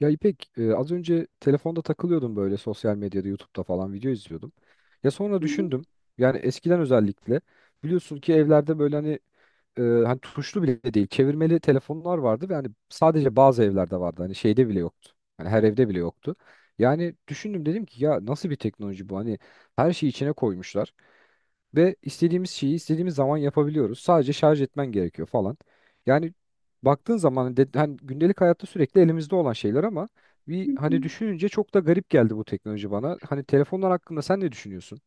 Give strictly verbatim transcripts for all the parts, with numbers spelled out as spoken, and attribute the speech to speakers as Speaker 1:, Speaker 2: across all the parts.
Speaker 1: Ya İpek, e, az önce telefonda takılıyordum böyle sosyal medyada, YouTube'da falan video izliyordum. Ya sonra
Speaker 2: Hı hı,
Speaker 1: düşündüm. Yani eskiden özellikle biliyorsun ki evlerde böyle hani e, hani tuşlu bile değil, çevirmeli telefonlar vardı ve hani sadece bazı evlerde vardı. Hani şeyde bile yoktu. Hani her evde bile yoktu. Yani düşündüm dedim ki ya nasıl bir teknoloji bu? Hani her şeyi içine koymuşlar. Ve istediğimiz şeyi istediğimiz zaman yapabiliyoruz. Sadece şarj etmen gerekiyor falan. Yani baktığın zaman de, hani gündelik hayatta sürekli elimizde olan şeyler ama
Speaker 2: hı
Speaker 1: bir
Speaker 2: hı.
Speaker 1: hani düşününce çok da garip geldi bu teknoloji bana. Hani telefonlar hakkında sen ne düşünüyorsun?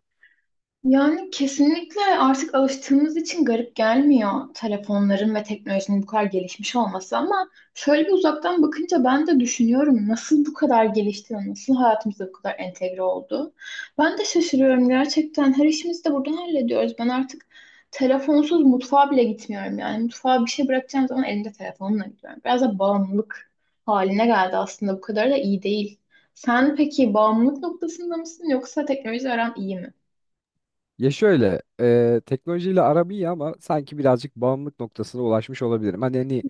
Speaker 2: Yani kesinlikle artık alıştığımız için garip gelmiyor telefonların ve teknolojinin bu kadar gelişmiş olması ama şöyle bir uzaktan bakınca ben de düşünüyorum nasıl bu kadar gelişti ve nasıl hayatımıza bu kadar entegre oldu. Ben de şaşırıyorum gerçekten, her işimizi de buradan hallediyoruz. Ben artık telefonsuz mutfağa bile gitmiyorum, yani mutfağa bir şey bırakacağım zaman elimde telefonla gidiyorum. Biraz da bağımlılık haline geldi aslında, bu kadar da iyi değil. Sen peki bağımlılık noktasında mısın yoksa teknoloji aran iyi mi?
Speaker 1: Ya şöyle, e, teknolojiyle aram iyi ama sanki birazcık bağımlılık noktasına ulaşmış olabilirim. Hani hani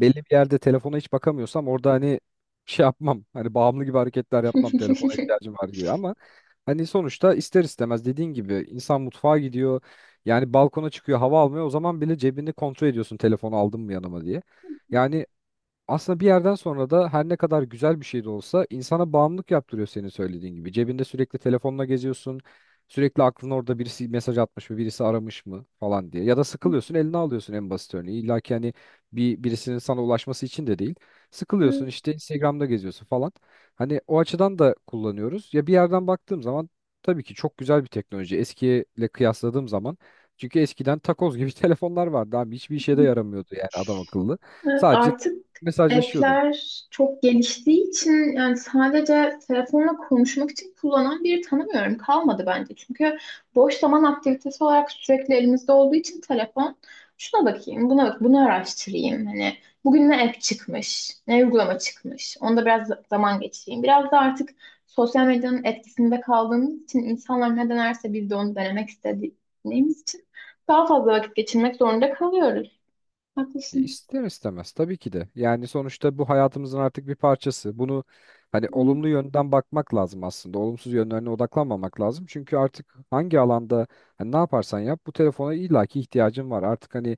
Speaker 1: belli bir yerde telefona hiç bakamıyorsam orada hani şey yapmam. Hani bağımlı gibi hareketler yapmam telefona
Speaker 2: Hı.
Speaker 1: ihtiyacım var diye ama hani sonuçta ister istemez dediğin gibi insan mutfağa gidiyor. Yani balkona çıkıyor hava almıyor. O zaman bile cebini kontrol ediyorsun telefonu aldım mı yanıma diye. Yani aslında bir yerden sonra da her ne kadar güzel bir şey de olsa insana bağımlılık yaptırıyor senin söylediğin gibi. Cebinde sürekli telefonla geziyorsun. Sürekli aklın orada birisi mesaj atmış mı, birisi aramış mı falan diye. Ya da sıkılıyorsun, eline alıyorsun en basit örneği. İlla ki hani bir birisinin sana ulaşması için de değil. Sıkılıyorsun işte Instagram'da geziyorsun falan. Hani o açıdan da kullanıyoruz. Ya bir yerden baktığım zaman tabii ki çok güzel bir teknoloji. Eskiyle kıyasladığım zaman çünkü eskiden takoz gibi telefonlar vardı abi. Hiçbir işe de yaramıyordu yani adam akıllı.
Speaker 2: Evet,
Speaker 1: Sadece
Speaker 2: artık
Speaker 1: mesajlaşıyordun.
Speaker 2: app'ler çok geliştiği için yani sadece telefonla konuşmak için kullanan biri tanımıyorum. Kalmadı bence. Çünkü boş zaman aktivitesi olarak sürekli elimizde olduğu için telefon, şuna bakayım, buna bak, bunu araştırayım. Hani bugün ne app çıkmış, ne uygulama çıkmış. Onda biraz zaman geçireyim. Biraz da artık sosyal medyanın etkisinde kaldığımız için, insanlar ne denerse biz de onu denemek istediğimiz için daha fazla vakit geçirmek zorunda kalıyoruz.
Speaker 1: E,
Speaker 2: Haklısın.
Speaker 1: İster istemez tabii ki de. Yani sonuçta bu hayatımızın artık bir parçası. Bunu hani
Speaker 2: Hı,
Speaker 1: olumlu yönden bakmak lazım aslında. Olumsuz yönlerine odaklanmamak lazım. Çünkü artık hangi alanda hani ne yaparsan yap bu telefona illaki ihtiyacın var. Artık hani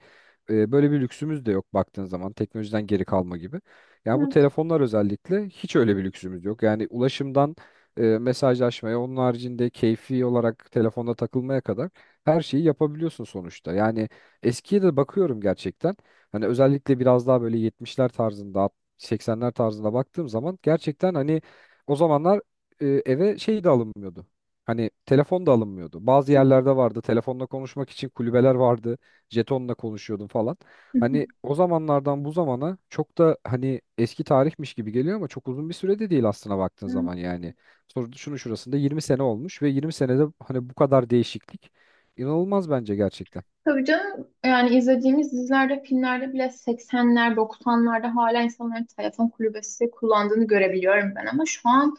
Speaker 1: e, böyle bir lüksümüz de yok baktığın zaman teknolojiden geri kalma gibi. Yani bu
Speaker 2: evet.
Speaker 1: telefonlar özellikle hiç öyle bir lüksümüz yok. Yani ulaşımdan e, mesajlaşmaya, onun haricinde keyfi olarak telefonda takılmaya kadar her şeyi yapabiliyorsun sonuçta. Yani eskiye de bakıyorum gerçekten. Hani özellikle biraz daha böyle yetmişler tarzında, alt- seksenler tarzında baktığım zaman gerçekten hani o zamanlar e, eve şey de alınmıyordu. Hani telefon da alınmıyordu. Bazı yerlerde vardı. Telefonla konuşmak için kulübeler vardı. Jetonla konuşuyordun falan. Hani o zamanlardan bu zamana çok da hani eski tarihmiş gibi geliyor ama çok uzun bir süre de değil aslına baktığın zaman yani. Sonra şunu şurasında yirmi sene olmuş ve yirmi senede hani bu kadar değişiklik inanılmaz bence gerçekten.
Speaker 2: Tabii canım, yani izlediğimiz dizilerde, filmlerde bile seksenler, doksanlarda hala insanların telefon kulübesi kullandığını görebiliyorum ben, ama şu an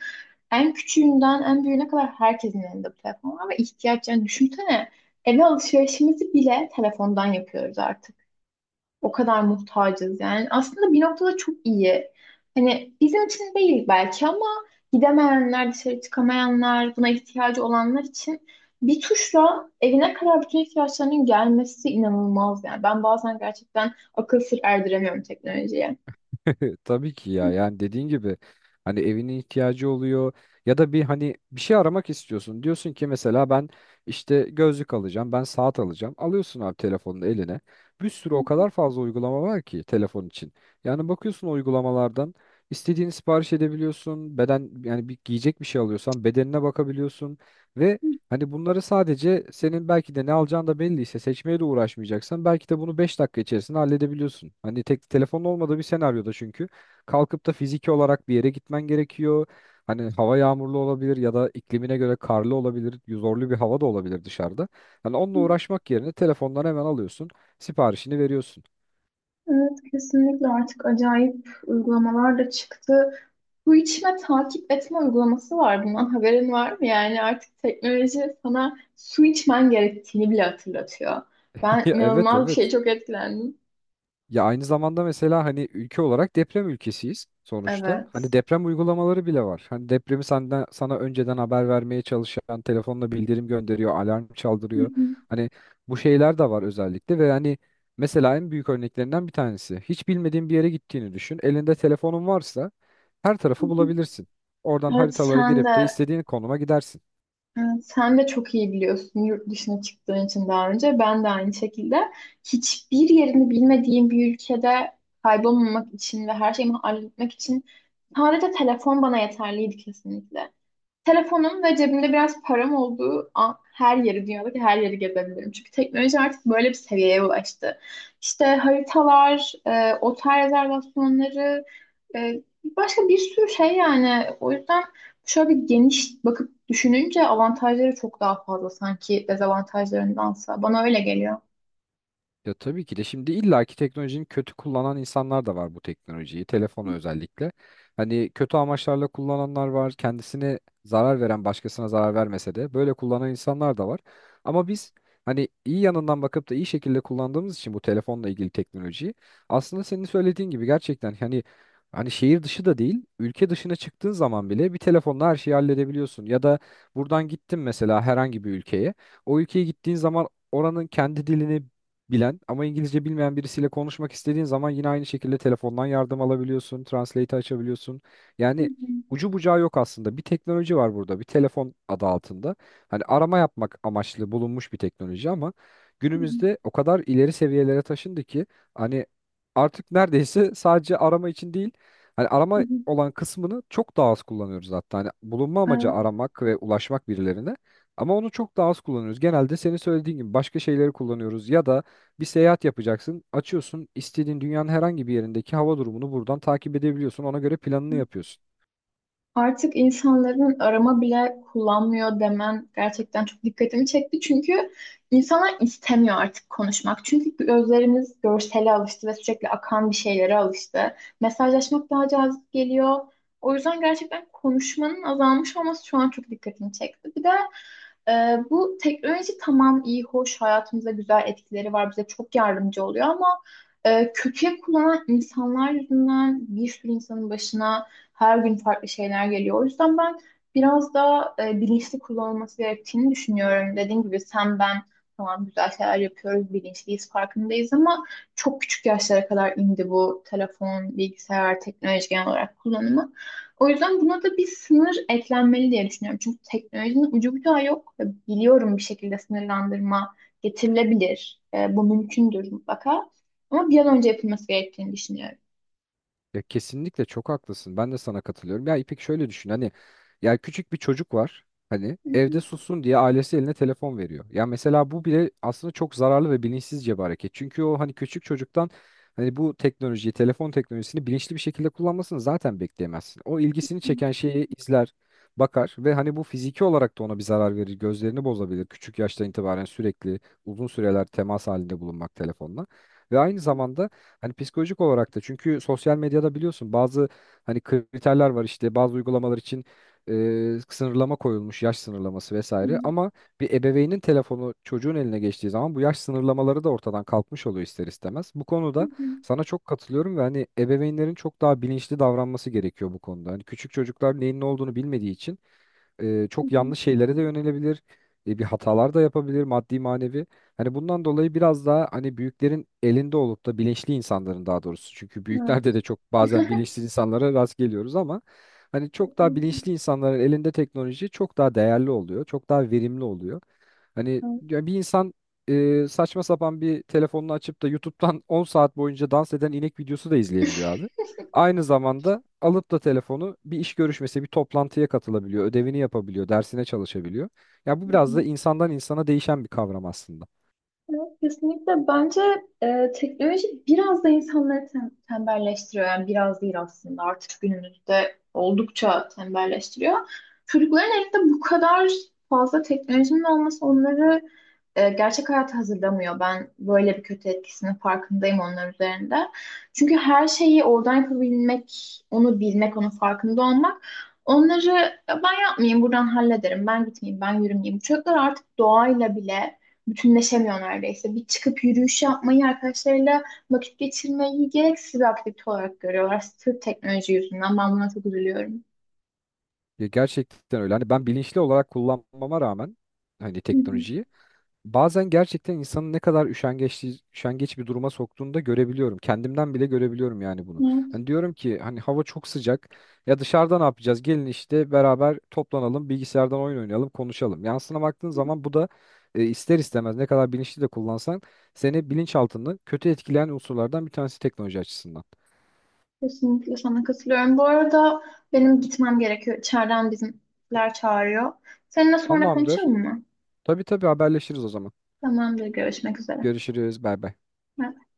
Speaker 2: en küçüğünden en büyüğüne kadar herkesin elinde bu telefon var ve ihtiyaç, yani düşünsene eve alışverişimizi bile telefondan yapıyoruz artık. O kadar muhtacız yani. Aslında bir noktada çok iyi. Hani bizim için değil belki ama gidemeyenler, dışarı çıkamayanlar, buna ihtiyacı olanlar için bir tuşla evine kadar bütün ihtiyaçlarının gelmesi inanılmaz yani. Ben bazen gerçekten akıl sır erdiremiyorum teknolojiye.
Speaker 1: Tabii ki ya yani dediğin gibi hani evinin ihtiyacı oluyor ya da bir hani bir şey aramak istiyorsun. Diyorsun ki mesela ben işte gözlük alacağım, ben saat alacağım. Alıyorsun abi telefonunu eline. Bir sürü o kadar fazla uygulama var ki telefon için. Yani bakıyorsun o uygulamalardan istediğini sipariş edebiliyorsun. Beden yani bir giyecek bir şey alıyorsan bedenine bakabiliyorsun ve Hani bunları sadece senin belki de ne alacağın da belliyse seçmeye de uğraşmayacaksan belki de bunu beş dakika içerisinde halledebiliyorsun. Hani tek telefonun olmadığı bir senaryoda çünkü kalkıp da fiziki olarak bir yere gitmen gerekiyor. Hani hava yağmurlu olabilir ya da iklimine göre karlı olabilir, zorlu bir hava da olabilir dışarıdan. Hani onunla uğraşmak yerine telefondan hemen alıyorsun, siparişini veriyorsun.
Speaker 2: Evet, kesinlikle artık acayip uygulamalar da çıktı. Bu içme takip etme uygulaması var. Bundan haberin var mı? Yani artık teknoloji sana su içmen gerektiğini bile hatırlatıyor. Ben
Speaker 1: Ya evet
Speaker 2: inanılmaz bir
Speaker 1: evet.
Speaker 2: şeye çok etkilendim.
Speaker 1: Ya aynı zamanda mesela hani ülke olarak deprem ülkesiyiz sonuçta.
Speaker 2: Evet.
Speaker 1: Hani deprem uygulamaları bile var. Hani depremi senden, sana önceden haber vermeye çalışan telefonla bildirim gönderiyor, alarm
Speaker 2: Hı
Speaker 1: çaldırıyor.
Speaker 2: hı,
Speaker 1: Hani bu şeyler de var özellikle ve hani mesela en büyük örneklerinden bir tanesi. Hiç bilmediğin bir yere gittiğini düşün. Elinde telefonun varsa her
Speaker 2: hı
Speaker 1: tarafı
Speaker 2: hı.
Speaker 1: bulabilirsin. Oradan
Speaker 2: Evet
Speaker 1: haritalara
Speaker 2: sen
Speaker 1: girip de
Speaker 2: de
Speaker 1: istediğin konuma gidersin.
Speaker 2: evet, sen de çok iyi biliyorsun yurt dışına çıktığın için daha önce. Ben de aynı şekilde hiçbir yerini bilmediğim bir ülkede kaybolmamak için ve her şeyimi halletmek için sadece telefon bana yeterliydi kesinlikle. Telefonum ve cebimde biraz param olduğu an her yeri, dünyadaki her yeri gezebilirim. Çünkü teknoloji artık böyle bir seviyeye ulaştı. İşte haritalar, e, otel rezervasyonları, e, başka bir sürü şey yani. O yüzden şöyle bir geniş bakıp düşününce avantajları çok daha fazla sanki dezavantajlarındansa. Bana öyle geliyor.
Speaker 1: Ya tabii ki de şimdi illaki teknolojinin kötü kullanan insanlar da var bu teknolojiyi, telefonu özellikle. Hani kötü amaçlarla kullananlar var, kendisine zarar veren başkasına zarar vermese de böyle kullanan insanlar da var. Ama biz hani iyi yanından bakıp da iyi şekilde kullandığımız için bu telefonla ilgili teknolojiyi aslında senin söylediğin gibi gerçekten hani hani şehir dışı da değil, ülke dışına çıktığın zaman bile bir telefonla her şeyi halledebiliyorsun. Ya da buradan gittin mesela herhangi bir ülkeye. O ülkeye gittiğin zaman oranın kendi dilini bilen ama İngilizce bilmeyen birisiyle konuşmak istediğin zaman yine aynı şekilde telefondan yardım alabiliyorsun, translate açabiliyorsun.
Speaker 2: Hı
Speaker 1: Yani
Speaker 2: hı,
Speaker 1: ucu bucağı yok aslında. Bir teknoloji var burada, bir telefon adı altında. Hani arama yapmak amaçlı bulunmuş bir teknoloji ama
Speaker 2: hı hı,
Speaker 1: günümüzde o kadar ileri seviyelere taşındı ki hani artık neredeyse sadece arama için değil. Hani
Speaker 2: hı
Speaker 1: arama
Speaker 2: hı.
Speaker 1: olan kısmını çok daha az kullanıyoruz hatta. Hani bulunma amacı
Speaker 2: Evet.
Speaker 1: aramak ve ulaşmak birilerine. Ama onu çok daha az kullanıyoruz. Genelde senin söylediğin gibi başka şeyleri kullanıyoruz ya da bir seyahat yapacaksın. Açıyorsun istediğin dünyanın herhangi bir yerindeki hava durumunu buradan takip edebiliyorsun. Ona göre planını yapıyorsun.
Speaker 2: Artık insanların arama bile kullanmıyor demen gerçekten çok dikkatimi çekti. Çünkü insanlar istemiyor artık konuşmak. Çünkü gözlerimiz görsele alıştı ve sürekli akan bir şeylere alıştı. Mesajlaşmak daha cazip geliyor. O yüzden gerçekten konuşmanın azalmış olması şu an çok dikkatimi çekti. Bir de ee, bu teknoloji tamam iyi, hoş, hayatımıza güzel etkileri var, bize çok yardımcı oluyor ama e, kötüye kullanan insanlar yüzünden bir sürü insanın başına her gün farklı şeyler geliyor. O yüzden ben biraz daha e, bilinçli kullanılması gerektiğini düşünüyorum. Dediğim gibi sen ben tamam güzel şeyler yapıyoruz, bilinçliyiz, farkındayız ama çok küçük yaşlara kadar indi bu telefon, bilgisayar, teknoloji genel olarak kullanımı. O yüzden buna da bir sınır eklenmeli diye düşünüyorum. Çünkü teknolojinin ucu bucağı yok. Ve biliyorum bir şekilde sınırlandırma getirilebilir. E, bu mümkündür mutlaka. Ama bir an önce yapılması gerektiğini düşünüyorum.
Speaker 1: Ya kesinlikle çok haklısın. Ben de sana katılıyorum. Ya İpek şöyle düşün. Hani ya küçük bir çocuk var. Hani
Speaker 2: Hı hı,
Speaker 1: evde sussun diye ailesi eline telefon veriyor. Ya mesela bu bile aslında çok zararlı ve bilinçsizce bir hareket. Çünkü o hani küçük çocuktan hani bu teknolojiyi, telefon teknolojisini bilinçli bir şekilde kullanmasını zaten bekleyemezsin. O ilgisini çeken şeyi izler, bakar ve hani bu fiziki olarak da ona bir zarar verir. Gözlerini bozabilir. Küçük yaştan itibaren sürekli uzun süreler temas halinde bulunmak telefonla. Ve aynı zamanda Hani psikolojik olarak da çünkü sosyal medyada biliyorsun bazı hani kriterler var işte bazı uygulamalar için e, sınırlama koyulmuş yaş sınırlaması
Speaker 2: hı
Speaker 1: vesaire
Speaker 2: hı,
Speaker 1: ama bir ebeveynin telefonu çocuğun eline geçtiği zaman bu yaş sınırlamaları da ortadan kalkmış oluyor ister istemez. Bu
Speaker 2: hı
Speaker 1: konuda
Speaker 2: hı.
Speaker 1: sana çok katılıyorum ve hani ebeveynlerin çok daha bilinçli davranması gerekiyor bu konuda. Hani küçük çocuklar neyin ne olduğunu bilmediği için e,
Speaker 2: Hı
Speaker 1: çok
Speaker 2: hı.
Speaker 1: yanlış şeylere de yönelebilir. E, bir hatalar da yapabilir maddi manevi. Hani bundan dolayı biraz daha hani büyüklerin elinde olup da bilinçli insanların daha doğrusu. Çünkü
Speaker 2: Evet.
Speaker 1: büyüklerde de çok bazen bilinçsiz insanlara rast geliyoruz ama hani çok daha
Speaker 2: Kesinlikle.
Speaker 1: bilinçli insanların elinde teknoloji çok daha değerli oluyor. Çok daha verimli oluyor. Hani
Speaker 2: Evet.
Speaker 1: ya bir insan e, saçma sapan bir telefonunu açıp da YouTube'dan on saat boyunca dans eden inek videosu da izleyebiliyor abi. Aynı zamanda alıp da telefonu bir iş görüşmesi, bir toplantıya katılabiliyor, ödevini yapabiliyor, dersine çalışabiliyor. Ya bu
Speaker 2: Hı
Speaker 1: biraz
Speaker 2: hı.
Speaker 1: da insandan insana değişen bir kavram aslında.
Speaker 2: Evet, kesinlikle. Bence e, teknoloji biraz da insanları tem- tembelleştiriyor. Yani biraz değil aslında. Artık günümüzde oldukça tembelleştiriyor. Çocukların elinde bu kadar fazla teknolojinin olması onları e, gerçek hayata hazırlamıyor. Ben böyle bir kötü etkisinin farkındayım onlar üzerinde. Çünkü her şeyi oradan yapabilmek, onu bilmek, onun farkında olmak onları, "Ya ben yapmayayım, buradan hallederim, ben gitmeyeyim, ben yürümeyeyim." Çocuklar artık doğayla bile bütünleşemiyor neredeyse. Bir çıkıp yürüyüş yapmayı, arkadaşlarıyla vakit geçirmeyi gereksiz bir aktivite olarak görüyorlar. Sırf teknoloji yüzünden. Ben buna çok üzülüyorum.
Speaker 1: Ya gerçekten öyle. Hani ben bilinçli olarak kullanmama rağmen hani
Speaker 2: Hı hı.
Speaker 1: teknolojiyi bazen gerçekten insanın ne kadar üşengeç, üşengeç, bir duruma soktuğunu da görebiliyorum. Kendimden bile görebiliyorum yani bunu.
Speaker 2: Evet,
Speaker 1: Hani diyorum ki hani hava çok sıcak. Ya dışarıda ne yapacağız? Gelin işte beraber toplanalım, bilgisayardan oyun oynayalım, konuşalım. Yansına baktığın zaman bu da e, ister istemez ne kadar bilinçli de kullansan seni bilinçaltını kötü etkileyen unsurlardan bir tanesi teknoloji açısından.
Speaker 2: kesinlikle sana katılıyorum. Bu arada benim gitmem gerekiyor. İçeriden bizimler çağırıyor. Seninle sonra
Speaker 1: Tamamdır.
Speaker 2: konuşalım mı?
Speaker 1: Tabii tabii haberleşiriz o zaman.
Speaker 2: Tamamdır, görüşmek üzere.
Speaker 1: Görüşürüz. Bay bay.
Speaker 2: Bye.